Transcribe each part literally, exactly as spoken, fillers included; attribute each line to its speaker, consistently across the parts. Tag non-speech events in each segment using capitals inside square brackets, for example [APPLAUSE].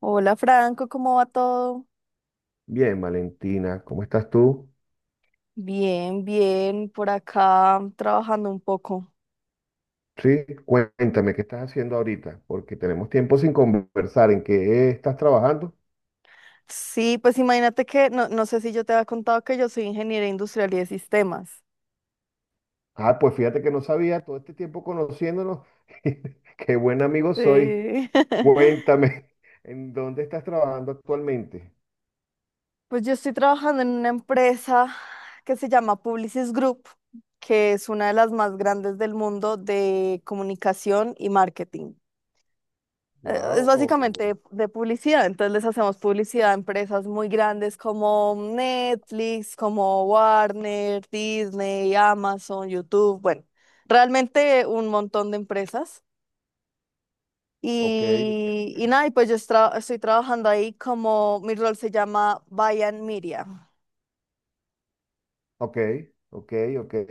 Speaker 1: Hola Franco, ¿cómo va todo?
Speaker 2: Bien, Valentina, ¿cómo estás tú?
Speaker 1: Bien, bien, por acá trabajando un poco.
Speaker 2: Sí, cuéntame, ¿qué estás haciendo ahorita? Porque tenemos tiempo sin conversar. ¿En qué estás trabajando?
Speaker 1: Sí, pues imagínate que, no, no sé si yo te había contado que yo soy ingeniera industrial y de sistemas.
Speaker 2: Ah, pues fíjate que no sabía todo este tiempo conociéndonos. [LAUGHS] Qué buen amigo soy.
Speaker 1: Sí. [LAUGHS]
Speaker 2: Cuéntame, [LAUGHS] ¿en dónde estás trabajando actualmente?
Speaker 1: Pues yo estoy trabajando en una empresa que se llama Publicis Group, que es una de las más grandes del mundo de comunicación y marketing. Eh, Es básicamente
Speaker 2: Wow,
Speaker 1: de publicidad, entonces les hacemos publicidad a empresas muy grandes como Netflix, como Warner, Disney, Amazon, YouTube, bueno, realmente un montón de empresas.
Speaker 2: ok, ok,
Speaker 1: Y, y nada, y pues yo estra- estoy trabajando ahí como mi rol se llama Bayan Media.
Speaker 2: ok, ok,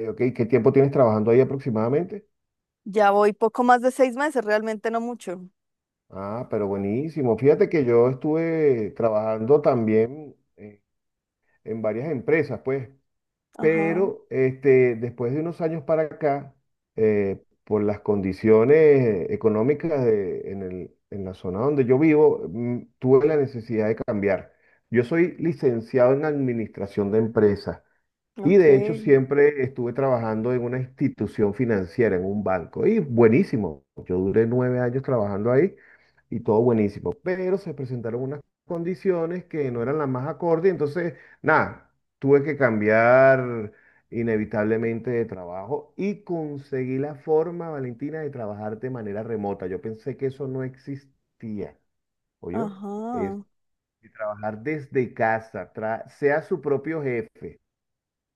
Speaker 2: ok. ¿Qué tiempo tienes trabajando ahí aproximadamente?
Speaker 1: Ya voy poco más de seis meses, realmente no mucho.
Speaker 2: Ah, pero buenísimo. Fíjate que yo estuve trabajando también, eh, en varias empresas, pues.
Speaker 1: Ajá,
Speaker 2: Pero este, después de unos años para acá, eh, por las condiciones económicas de- en el- en la zona donde yo vivo, mm, tuve la necesidad de cambiar. Yo soy licenciado en administración de empresas y
Speaker 1: ok,
Speaker 2: de hecho siempre estuve trabajando en una institución financiera, en un banco. Y buenísimo. Yo duré nueve años trabajando ahí y todo buenísimo. Pero se presentaron unas condiciones que no eran las más acordes. Entonces, nada, tuve que cambiar inevitablemente de trabajo y conseguí la forma, Valentina, de trabajar de manera remota. Yo pensé que eso no existía. ¿Oyó?
Speaker 1: ajá,
Speaker 2: Es de trabajar desde casa, tra- sea su propio jefe.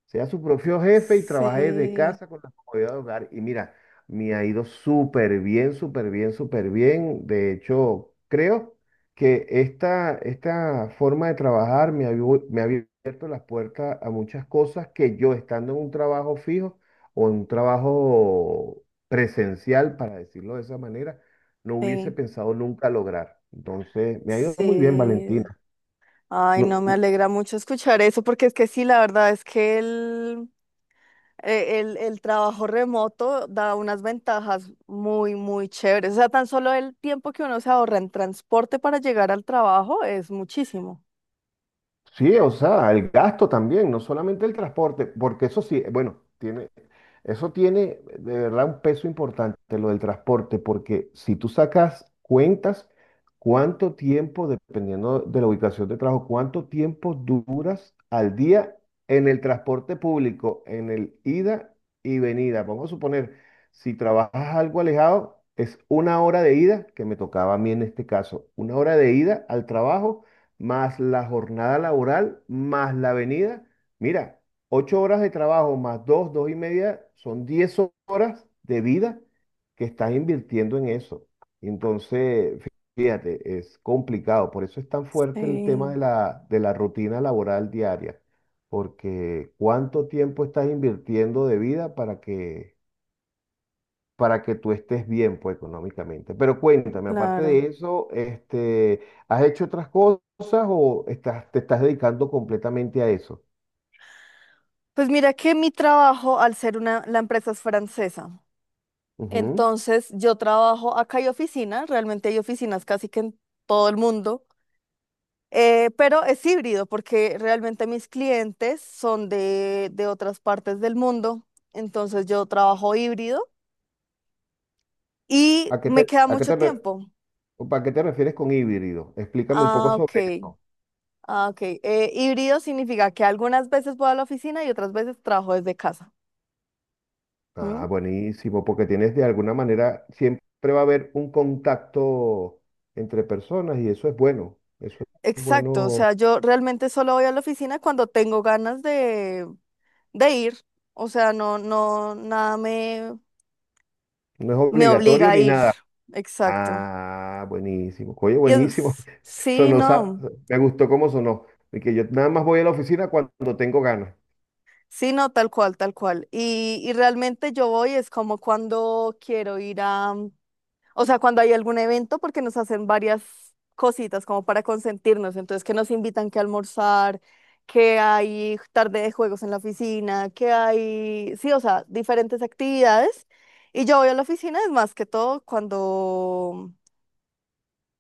Speaker 2: Sea su propio jefe y trabajé de
Speaker 1: sí,
Speaker 2: casa con la comodidad de hogar. Y mira, me ha ido súper bien, súper bien, súper bien. De hecho, creo que esta, esta forma de trabajar me ha, abiu- me ha abierto las puertas a muchas cosas que yo estando en un trabajo fijo o en un trabajo presencial, para decirlo de esa manera, no hubiese
Speaker 1: sí,
Speaker 2: pensado nunca lograr. Entonces, me ha ido muy bien,
Speaker 1: sí.
Speaker 2: Valentina.
Speaker 1: Ay,
Speaker 2: No-
Speaker 1: no me alegra mucho escuchar eso, porque es que sí, la verdad es que el, eh, el, el trabajo remoto da unas ventajas muy, muy chéveres. O sea, tan solo el tiempo que uno se ahorra en transporte para llegar al trabajo es muchísimo.
Speaker 2: Sí, o sea, el gasto también, no solamente el transporte, porque eso sí, bueno, tiene, eso tiene de verdad un peso importante, lo del transporte, porque si tú sacas cuentas, cuánto tiempo, dependiendo de la ubicación de trabajo, cuánto tiempo duras al día en el transporte público, en el ida y venida. Vamos a suponer, si trabajas algo alejado, es una hora de ida, que me tocaba a mí en este caso, una hora de ida al trabajo, más la jornada laboral, más la venida. Mira. Ocho horas de trabajo más dos, dos y media, son diez horas de vida que estás invirtiendo en eso. Entonces, fíjate, es complicado. Por eso es tan fuerte el tema de
Speaker 1: Sí,
Speaker 2: la, de la rutina laboral diaria. Porque cuánto tiempo estás invirtiendo de vida para que, para que tú estés bien, pues, económicamente. Pero cuéntame, aparte
Speaker 1: claro.
Speaker 2: de eso, este, ¿has hecho otras cosas o estás, te estás dedicando completamente a eso?
Speaker 1: Pues mira que mi trabajo, al ser una, la empresa es francesa,
Speaker 2: Ujú.
Speaker 1: entonces yo trabajo acá, hay oficinas, realmente hay oficinas casi que en todo el mundo. Eh, pero es híbrido porque realmente mis clientes son de, de otras partes del mundo, entonces yo trabajo híbrido y
Speaker 2: ¿A qué
Speaker 1: me
Speaker 2: te,
Speaker 1: queda
Speaker 2: a qué
Speaker 1: mucho
Speaker 2: te, re-
Speaker 1: tiempo.
Speaker 2: ¿Para qué te refieres con híbrido? Explícame un poco
Speaker 1: Ah, ok,
Speaker 2: sobre eso.
Speaker 1: ah, ok. Eh, híbrido significa que algunas veces voy a la oficina y otras veces trabajo desde casa. ¿Mm?
Speaker 2: Ah, buenísimo, porque tienes de alguna manera, siempre va a haber un contacto entre personas y eso es bueno. Eso es
Speaker 1: Exacto, o
Speaker 2: bueno,
Speaker 1: sea, yo realmente solo voy a la oficina cuando tengo ganas de, de ir, o sea, no, no, nada me,
Speaker 2: no es
Speaker 1: me obliga
Speaker 2: obligatorio
Speaker 1: a
Speaker 2: ni
Speaker 1: ir.
Speaker 2: nada.
Speaker 1: Exacto.
Speaker 2: Ah, buenísimo. Oye,
Speaker 1: Y
Speaker 2: buenísimo.
Speaker 1: es-
Speaker 2: [LAUGHS]
Speaker 1: sí,
Speaker 2: Sonó, sa-
Speaker 1: no.
Speaker 2: me gustó cómo sonó. Y que yo nada más voy a la oficina cuando tengo ganas.
Speaker 1: Sí, no, tal cual, tal cual. Y, y realmente yo voy, es como cuando quiero ir a, o sea, cuando hay algún evento, porque nos hacen varias cositas como para consentirnos, entonces que nos invitan que almorzar, que hay tarde de juegos en la oficina, que hay, sí, o sea, diferentes actividades. Y yo voy a la oficina, es más que todo cuando,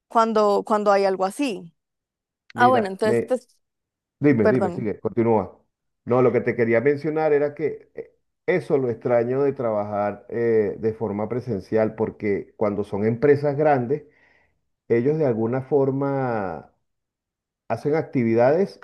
Speaker 1: cuando, cuando hay algo así. Ah, bueno,
Speaker 2: Mira,
Speaker 1: entonces,
Speaker 2: me,
Speaker 1: pues,
Speaker 2: Dime, dime,
Speaker 1: perdón,
Speaker 2: sigue, continúa. No, lo que te quería mencionar era que eh, eso lo extraño de trabajar eh, de forma presencial, porque cuando son empresas grandes, ellos de alguna forma hacen actividades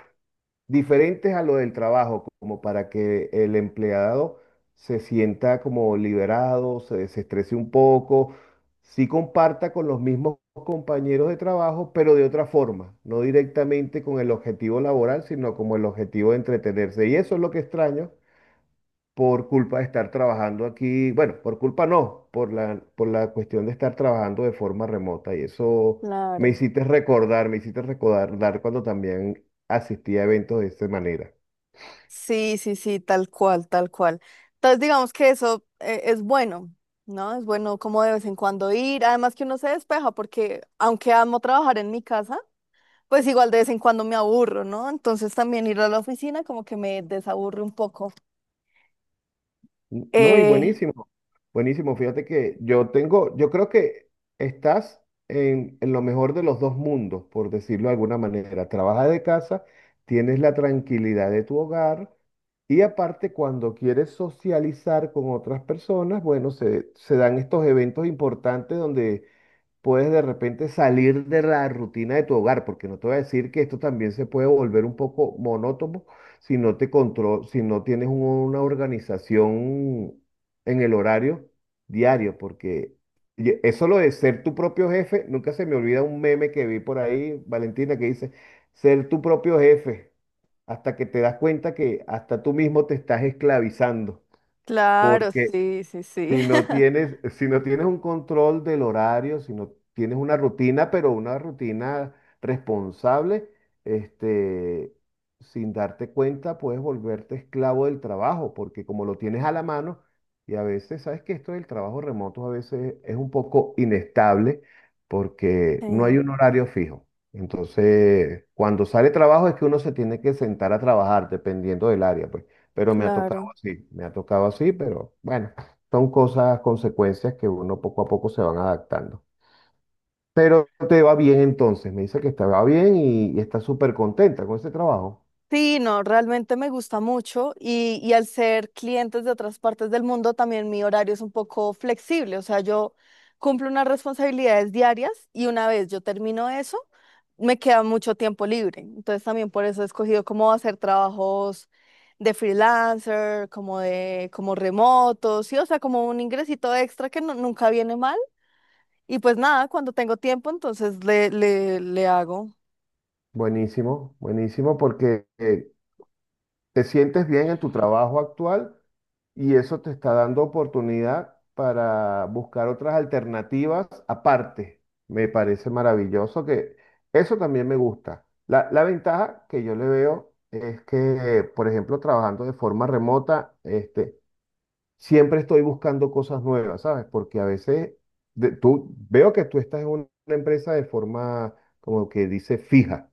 Speaker 2: diferentes a lo del trabajo, como para que el empleado se sienta como liberado, se desestrese un poco, sí comparta con los mismos compañeros de trabajo, pero de otra forma, no directamente con el objetivo laboral, sino como el objetivo de entretenerse. Y eso es lo que extraño por culpa de estar trabajando aquí, bueno, por culpa no, por la, por la cuestión de estar trabajando de forma remota. Y eso me
Speaker 1: claro.
Speaker 2: hiciste recordar, me hiciste recordar cuando también asistí a eventos de esa manera.
Speaker 1: Sí, sí, sí, tal cual, tal cual. Entonces, digamos que eso eh, es bueno, ¿no? Es bueno como de vez en cuando ir, además que uno se despeja porque aunque amo trabajar en mi casa, pues igual de vez en cuando me aburro, ¿no? Entonces también ir a la oficina como que me desaburre un poco.
Speaker 2: No, y
Speaker 1: Eh,
Speaker 2: buenísimo, buenísimo. Fíjate que yo tengo, yo creo que estás en, en lo mejor de los dos mundos, por decirlo de alguna manera. Trabajas de casa, tienes la tranquilidad de tu hogar y aparte cuando quieres socializar con otras personas, bueno, se, se dan estos eventos importantes donde puedes de repente salir de la rutina de tu hogar, porque no te voy a decir que esto también se puede volver un poco monótono si no te contro- si no tienes un- una organización en el horario diario, porque y eso lo de ser tu propio jefe, nunca se me olvida un meme que vi por ahí, Valentina, que dice, ser tu propio jefe, hasta que te das cuenta que hasta tú mismo te estás esclavizando.
Speaker 1: claro,
Speaker 2: Porque
Speaker 1: sí, sí,
Speaker 2: si
Speaker 1: sí.
Speaker 2: no
Speaker 1: [LAUGHS]
Speaker 2: tienes, si no tienes un control del horario, si no tienes una rutina, pero una rutina responsable, este, sin darte cuenta puedes volverte esclavo del trabajo, porque como lo tienes a la mano, y a veces, sabes que esto del trabajo remoto a veces es un poco inestable, porque no hay
Speaker 1: Sí,
Speaker 2: un horario fijo. Entonces, cuando sale trabajo es que uno se tiene que sentar a trabajar, dependiendo del área, pues. Pero me ha tocado
Speaker 1: claro.
Speaker 2: así, me ha tocado así, pero bueno. Son cosas, consecuencias que uno poco a poco se van adaptando. Pero te va bien entonces, me dice que te va bien y, y está súper contenta con ese trabajo.
Speaker 1: Sí, no, realmente me gusta mucho y, y al ser clientes de otras partes del mundo también mi horario es un poco flexible, o sea, yo cumplo unas responsabilidades diarias y una vez yo termino eso, me queda mucho tiempo libre. Entonces también por eso he escogido cómo hacer trabajos de freelancer, como de como remotos, sí, o sea, como un ingresito extra que no- nunca viene mal. Y pues nada, cuando tengo tiempo, entonces le, le, le hago.
Speaker 2: Buenísimo, buenísimo porque eh, te sientes bien en tu trabajo actual y eso te está dando oportunidad para buscar otras alternativas aparte. Me parece maravilloso que eso también me gusta. La, la ventaja que yo le veo es que, por ejemplo, trabajando de forma remota, este, siempre estoy buscando cosas nuevas, ¿sabes? Porque a veces de- tú veo que tú estás en un- una empresa de forma, como que dice, fija,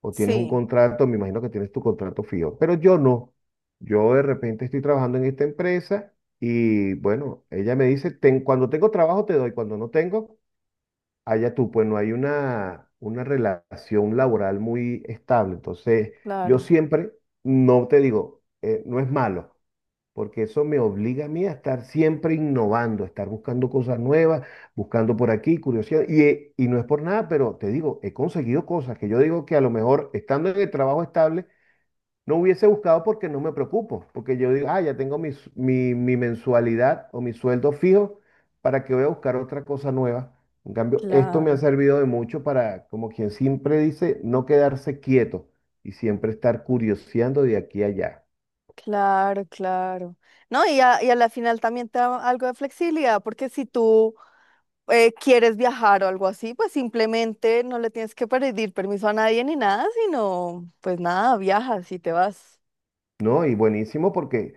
Speaker 2: o tienes un
Speaker 1: Sí,
Speaker 2: contrato, me imagino que tienes tu contrato fijo, pero yo no. Yo de repente estoy trabajando en esta empresa y bueno, ella me dice, "Ten- cuando tengo trabajo te doy, cuando no tengo, allá tú, pues no hay una, una relación laboral muy estable. Entonces, yo
Speaker 1: claro,
Speaker 2: siempre, no te digo, eh, no es malo porque eso me obliga a mí a estar siempre innovando, a estar buscando cosas nuevas, buscando por aquí, curiosidad. Y, eh, y no es por nada, pero te digo, he conseguido cosas que yo digo que a lo mejor estando en el trabajo estable no hubiese buscado porque no me preocupo, porque yo digo, ah, ya tengo mi, s- mi, mi mensualidad o mi sueldo fijo, ¿para que voy a buscar otra cosa nueva? En cambio, esto me ha
Speaker 1: claro.
Speaker 2: servido de mucho para, como quien siempre dice, no quedarse quieto y siempre estar curioseando de aquí a allá.
Speaker 1: Claro, claro. No, y a, y a la final también te da algo de flexibilidad, porque si tú eh, quieres viajar o algo así, pues simplemente no le tienes que pedir permiso a nadie ni nada, sino pues nada, viajas y te vas.
Speaker 2: No, y buenísimo porque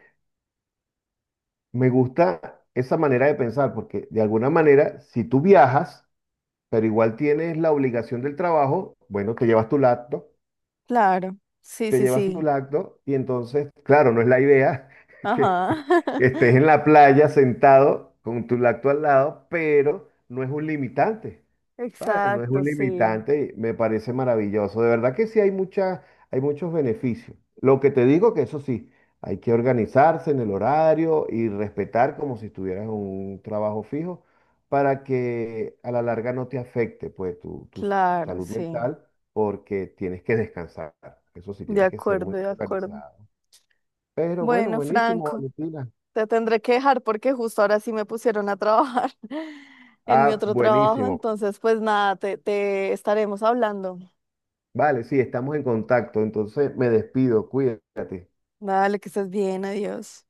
Speaker 2: me gusta esa manera de pensar, porque de alguna manera, si tú viajas, pero igual tienes la obligación del trabajo, bueno, te llevas tu laptop,
Speaker 1: Claro, sí,
Speaker 2: te
Speaker 1: sí,
Speaker 2: llevas tu
Speaker 1: sí.
Speaker 2: laptop, y entonces, claro, no es la idea [LAUGHS]
Speaker 1: Ajá.
Speaker 2: que, que estés
Speaker 1: [LAUGHS]
Speaker 2: en la playa sentado con tu laptop al lado, pero no es un limitante. ¿Sabes? No es un
Speaker 1: Exacto, sí.
Speaker 2: limitante, me parece maravilloso. De verdad que sí hay mucha, hay muchos beneficios. Lo que te digo que eso sí, hay que organizarse en el horario y respetar como si estuvieras en un trabajo fijo para que a la larga no te afecte pues tu, tu
Speaker 1: Claro,
Speaker 2: salud
Speaker 1: sí.
Speaker 2: mental porque tienes que descansar. Eso sí,
Speaker 1: De
Speaker 2: tienes que ser muy
Speaker 1: acuerdo, de acuerdo.
Speaker 2: organizado. Pero bueno,
Speaker 1: Bueno,
Speaker 2: buenísimo,
Speaker 1: Franco,
Speaker 2: Valentina.
Speaker 1: te tendré que dejar porque justo ahora sí me pusieron a trabajar [LAUGHS] en mi
Speaker 2: Ah,
Speaker 1: otro trabajo.
Speaker 2: buenísimo.
Speaker 1: Entonces, pues nada, te, te estaremos hablando.
Speaker 2: Vale, sí, estamos en contacto. Entonces me despido, cuídate.
Speaker 1: Dale, que estés bien, adiós.